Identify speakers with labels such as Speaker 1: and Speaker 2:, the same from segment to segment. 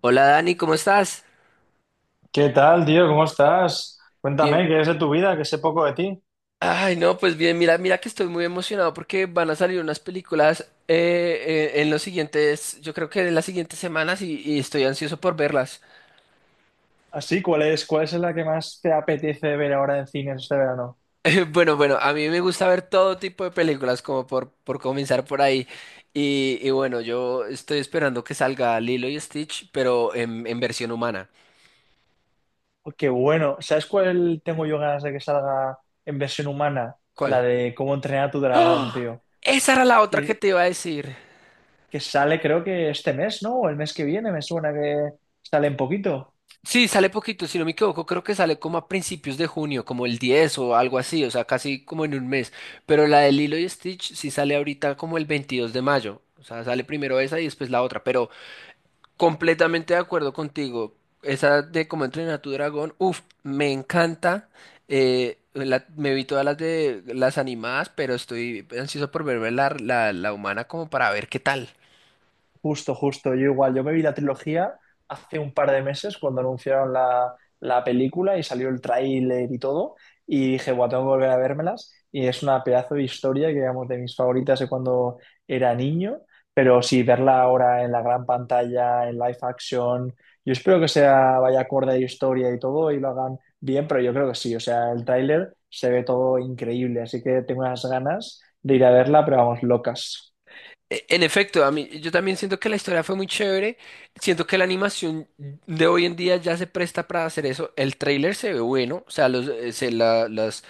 Speaker 1: Hola Dani, ¿cómo estás?
Speaker 2: ¿Qué tal, tío? ¿Cómo estás?
Speaker 1: Bien.
Speaker 2: Cuéntame, ¿qué es de tu vida? Que sé poco de ti.
Speaker 1: Ay, no, pues bien, mira, que estoy muy emocionado porque van a salir unas películas en los siguientes, yo creo que en las siguientes semanas y estoy ansioso por verlas.
Speaker 2: Así, ¿cuál es la que más te apetece ver ahora en cines este verano?
Speaker 1: Bueno, a mí me gusta ver todo tipo de películas, como por comenzar por ahí. Y bueno, yo estoy esperando que salga Lilo y Stitch, pero en versión humana.
Speaker 2: Oh, qué bueno. ¿Sabes cuál tengo yo ganas de que salga en versión humana? La
Speaker 1: ¿Cuál?
Speaker 2: de cómo entrenar a tu dragón,
Speaker 1: ¡Ah!
Speaker 2: tío.
Speaker 1: Esa era la otra que
Speaker 2: Que,
Speaker 1: te iba a decir.
Speaker 2: que sale creo que este mes, ¿no? O el mes que viene, me suena que sale en poquito.
Speaker 1: Sí, sale poquito, si no me equivoco, creo que sale como a principios de junio, como el 10 o algo así, o sea, casi como en un mes. Pero la de Lilo y Stitch sí sale ahorita como el 22 de mayo, o sea, sale primero esa y después la otra. Pero completamente de acuerdo contigo, esa de Cómo entrenar a tu dragón, uff, me encanta. Me vi todas las de las animadas, pero estoy ansioso por verme la humana como para ver qué tal.
Speaker 2: Justo, justo. Yo igual, yo me vi la trilogía hace un par de meses cuando anunciaron la película y salió el tráiler y todo. Y dije, bueno, tengo que volver a vérmelas. Y es una pedazo de historia que, digamos, de mis favoritas de cuando era niño. Pero sí, verla ahora en la gran pantalla, en live action. Yo espero que sea, vaya acorde a la historia y todo y lo hagan bien, pero yo creo que sí. O sea, el tráiler se ve todo increíble. Así que tengo unas ganas de ir a verla, pero vamos, locas.
Speaker 1: En efecto, a mí, yo también siento que la historia fue muy chévere. Siento que la animación de hoy en día ya se presta para hacer eso. El tráiler se ve bueno, o sea, los, se- la-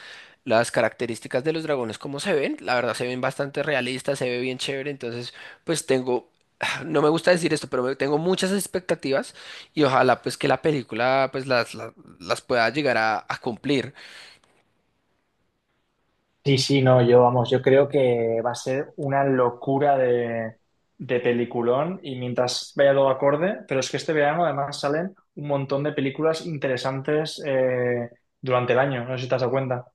Speaker 1: las características de los dragones, como se ven, la verdad se ven bastante realistas, se ve bien chévere. Entonces, pues tengo, no me gusta decir esto, pero tengo muchas expectativas y ojalá pues que la película pues las pueda llegar a cumplir.
Speaker 2: Sí, sí, no, yo vamos, yo creo que va a ser una locura de peliculón y mientras vaya todo acorde, pero es que este verano además salen un montón de películas interesantes durante el año, no sé si te has dado cuenta.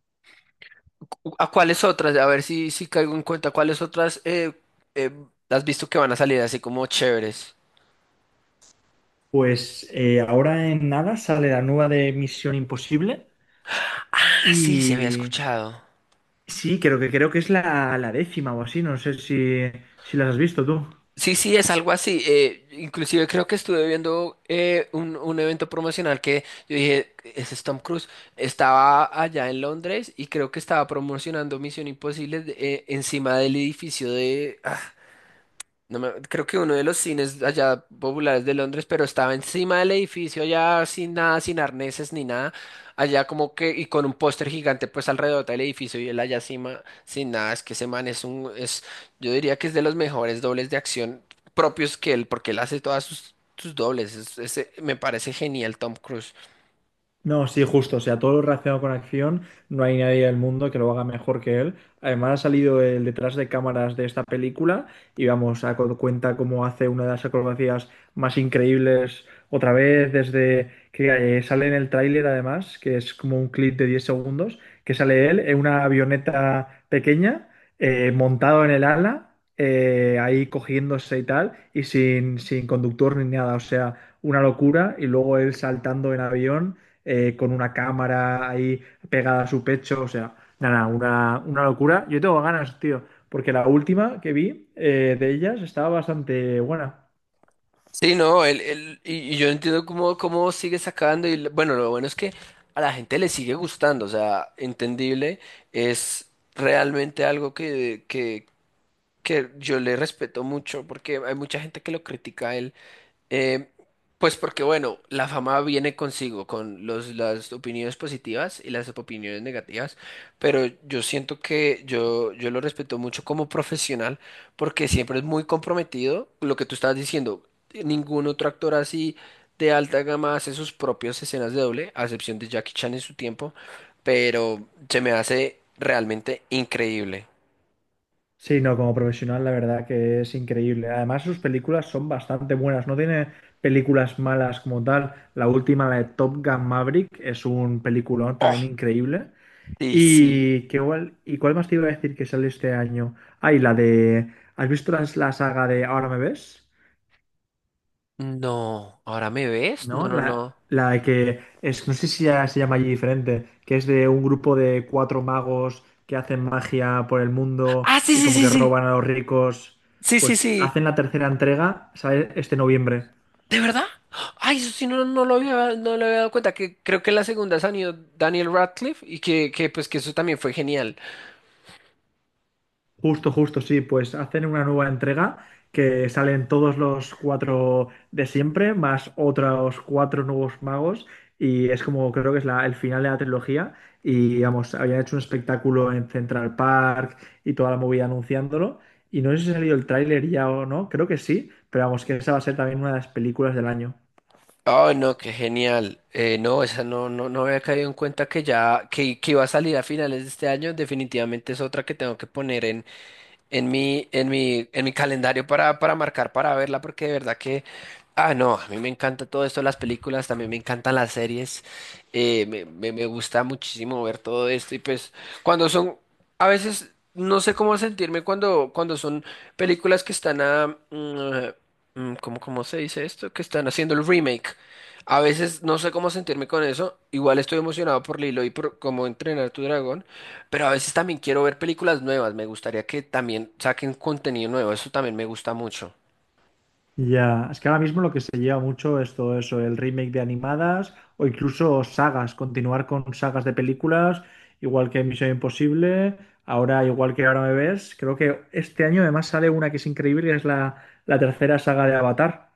Speaker 1: ¿A cuáles otras? A ver si caigo en cuenta. ¿Cuáles otras eh, has visto que van a salir así como chéveres?
Speaker 2: Pues ahora en nada sale la nueva de Misión Imposible.
Speaker 1: Ah, sí, se había
Speaker 2: Y
Speaker 1: escuchado.
Speaker 2: sí, creo que es la, la décima o así, no sé si, si las has visto tú.
Speaker 1: Sí, sí, es algo así. Inclusive creo que estuve viendo un evento promocional que yo dije, ese es Tom Cruise. Estaba allá en Londres y creo que estaba promocionando Misión Imposible encima del edificio de. No me- Creo que uno de los cines allá populares de Londres, pero estaba encima del edificio allá sin nada, sin arneses ni nada, allá como que y con un póster gigante pues alrededor del edificio y él allá encima sin nada, es que ese man es yo diría que es de los mejores dobles de acción propios que él porque él hace todas sus dobles, ese me parece genial Tom Cruise.
Speaker 2: No, sí, justo. O sea, todo lo relacionado con acción, no hay nadie del mundo que lo haga mejor que él. Además, ha salido el detrás de cámaras de esta película y vamos, a cuenta cómo hace una de las acrobacias más increíbles otra vez, desde que sale en el tráiler, además, que es como un clip de 10 segundos, que sale él en una avioneta pequeña, montado en el ala, ahí cogiéndose y tal, y sin conductor ni nada. O sea, una locura. Y luego él saltando en avión con una cámara ahí pegada a su pecho, o sea, nada, una locura. Yo tengo ganas, tío, porque la última que vi de ellas estaba bastante buena.
Speaker 1: Sí, no, y yo entiendo cómo sigue sacando y bueno, lo bueno es que a la gente le sigue gustando, o sea, entendible, es realmente algo que yo le respeto mucho porque hay mucha gente que lo critica a él, eh, pues porque, bueno, la fama viene consigo con las opiniones positivas y las opiniones negativas, pero yo siento que yo lo respeto mucho como profesional porque siempre es muy comprometido lo que tú estabas diciendo. Ningún otro actor así de alta gama hace sus propias escenas de doble, a excepción de Jackie Chan en su tiempo, pero se me hace realmente increíble.
Speaker 2: Sí, no, como profesional, la verdad que es increíble. Además, sus películas son bastante buenas, no tiene películas malas como tal. La última, la de Top Gun Maverick, es un peliculón también
Speaker 1: Oh,
Speaker 2: increíble.
Speaker 1: sí, sí.
Speaker 2: ¿Y qué, igual? ¿Y cuál más te iba a decir que sale este año? Ay, la de... ¿Has visto la, la saga de Ahora me ves?
Speaker 1: No, ¿ahora me ves? No,
Speaker 2: ¿No?
Speaker 1: no, no.
Speaker 2: La que es, no sé si ya se llama allí diferente, que es de un grupo de cuatro magos que hacen magia por el mundo
Speaker 1: Ah, sí,
Speaker 2: y
Speaker 1: sí,
Speaker 2: como
Speaker 1: sí,
Speaker 2: que
Speaker 1: sí.
Speaker 2: roban a los ricos.
Speaker 1: Sí, sí,
Speaker 2: Pues
Speaker 1: sí.
Speaker 2: hacen la tercera entrega, ¿sabes? Este noviembre.
Speaker 1: ¿De verdad? Ay, eso sí, no lo había, no le había dado cuenta, que creo que en la segunda salió Daniel Radcliffe y que pues que eso también fue genial.
Speaker 2: Justo, justo, sí, pues hacen una nueva entrega que salen todos los cuatro de siempre, más otros cuatro nuevos magos, y es como creo que es la, el final de la trilogía, y digamos, habían hecho un espectáculo en Central Park y toda la movida anunciándolo, y no sé si ha salido el tráiler ya o no, creo que sí, pero vamos, que esa va a ser también una de las películas del año.
Speaker 1: Ay, no, qué genial. No, esa no, no, no había caído en cuenta que ya, que iba a salir a finales de este año. Definitivamente es otra que tengo que poner en mi calendario para marcar, para verla, porque de verdad que, ah, no, a mí me encanta todo esto, las películas, también me encantan las series, me gusta muchísimo ver todo esto y pues cuando son, a veces no sé cómo sentirme cuando son películas que están a, ¿cómo, cómo se dice esto? Que están haciendo el remake. A veces no sé cómo sentirme con eso. Igual estoy emocionado por Lilo y por cómo entrenar tu dragón. Pero a veces también quiero ver películas nuevas. Me gustaría que también saquen contenido nuevo. Eso también me gusta mucho.
Speaker 2: Ya, es que ahora mismo lo que se lleva mucho es todo eso, el remake de animadas o incluso sagas, continuar con sagas de películas, igual que Misión Imposible, ahora igual que Ahora me ves, creo que este año además sale una que es increíble, que es la, la tercera saga de Avatar.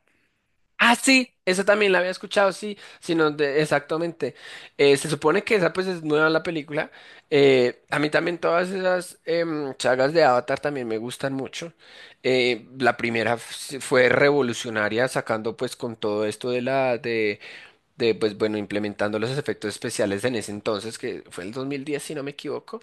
Speaker 1: Ah, sí, esa también la había escuchado, sí, exactamente. Se supone que esa pues es nueva la película. A mí también todas esas sagas de Avatar también me gustan mucho. La primera fue revolucionaria sacando pues con todo esto de la de, pues bueno, implementando los efectos especiales en ese entonces, que fue el 2010, si no me equivoco,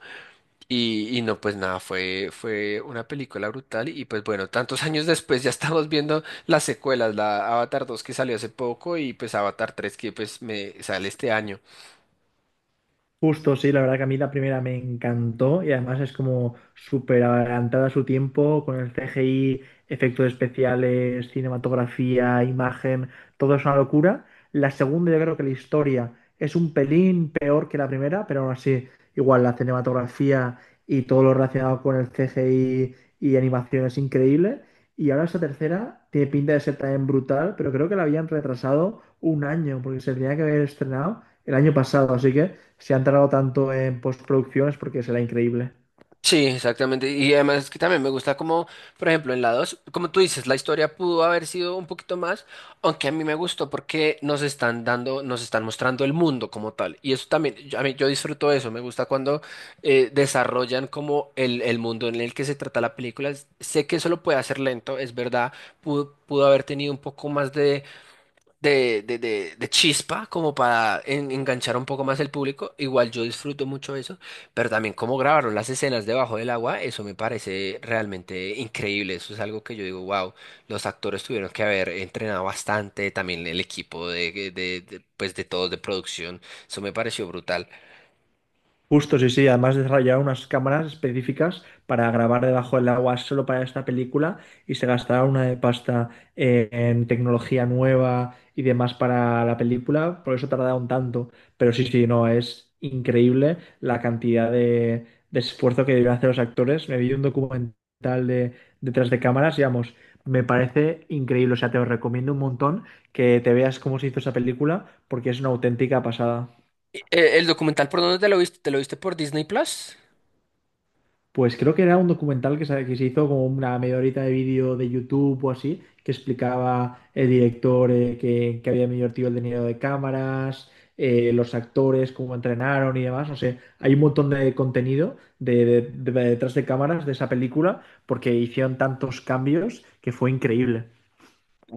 Speaker 1: y no, pues nada, fue una película brutal, y pues bueno, tantos años después ya estamos viendo las secuelas, la Avatar 2 que salió hace poco, y pues Avatar 3 que pues me sale este año.
Speaker 2: Justo, sí, la verdad que a mí la primera me encantó y además es como súper adelantada a su tiempo con el CGI, efectos especiales, cinematografía, imagen, todo es una locura. La segunda yo creo que la historia es un pelín peor que la primera, pero aún así igual la cinematografía y todo lo relacionado con el CGI y animación es increíble. Y ahora esta tercera tiene pinta de ser también brutal, pero creo que la habían retrasado un año porque se tenía que haber estrenado el año pasado, así que se han tardado tanto en postproducción es porque será increíble.
Speaker 1: Sí, exactamente. Y además es que también me gusta como, por ejemplo, en la 2, como tú dices, la historia pudo haber sido un poquito más, aunque a mí me gustó porque nos están dando, nos están mostrando el mundo como tal. Y eso también, yo, a mí, yo disfruto eso, me gusta cuando desarrollan como el mundo en el que se trata la película. Sé que eso lo puede hacer lento, es verdad, pudo haber tenido un poco más de de chispa como para enganchar un poco más el público. Igual yo disfruto mucho eso, pero también cómo grabaron las escenas debajo del agua, eso me parece realmente increíble. Eso es algo que yo digo, wow, los actores tuvieron que haber entrenado bastante, también el equipo pues de todos de producción, eso me pareció brutal.
Speaker 2: Justo, sí, sí. Además desarrollaron unas cámaras específicas para grabar debajo del agua solo para esta película y se gastaron una de pasta en tecnología nueva y demás para la película, por eso tardaron tanto. Pero sí, sí, no, es increíble la cantidad de esfuerzo que deben hacer los actores. Me vi un documental de detrás de cámaras, digamos, me parece increíble. O sea, te lo recomiendo un montón que te veas cómo se hizo esa película porque es una auténtica pasada.
Speaker 1: E- ¿El documental por dónde te lo viste? ¿Te lo viste por Disney Plus?
Speaker 2: Pues creo que era un documental que se hizo como una media horita de vídeo de YouTube o así, que explicaba el director que había invertido el dinero de cámaras, los actores, cómo entrenaron y demás. No sé, hay un montón de contenido de detrás de cámaras de esa película porque hicieron tantos cambios que fue increíble.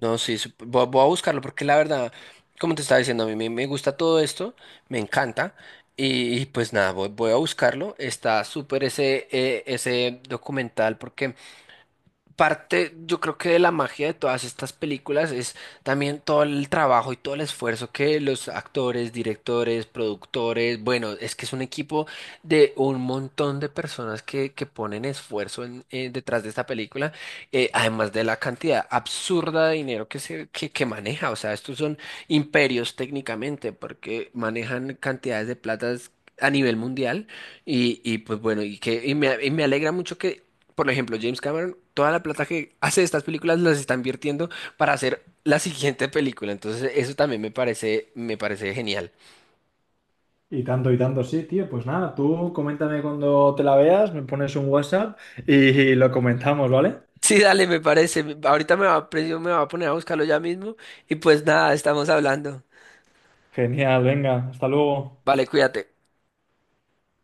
Speaker 1: No, sí, voy a buscarlo porque la verdad, como te estaba diciendo, a mí me gusta todo esto, me encanta. Y pues nada, voy a buscarlo. Está súper ese, ese documental porque parte, yo creo que de la magia de todas estas películas es también todo el trabajo y todo el esfuerzo que los actores, directores, productores, bueno, es que es un equipo de un montón de personas que ponen esfuerzo detrás de esta película, además de la cantidad absurda de dinero que que maneja, o sea, estos son imperios técnicamente porque manejan cantidades de platas a nivel mundial. Pues bueno, y me alegra mucho que por ejemplo, James Cameron, toda la plata que hace de estas películas las está invirtiendo para hacer la siguiente película. Entonces, eso también me parece genial.
Speaker 2: Y tanto, sí, tío. Pues nada, tú coméntame cuando te la veas, me pones un WhatsApp y lo comentamos, ¿vale?
Speaker 1: Sí, dale, me parece. Ahorita me va, a- Me va a poner a buscarlo ya mismo. Y pues nada, estamos hablando.
Speaker 2: Genial, venga, hasta luego.
Speaker 1: Vale, cuídate.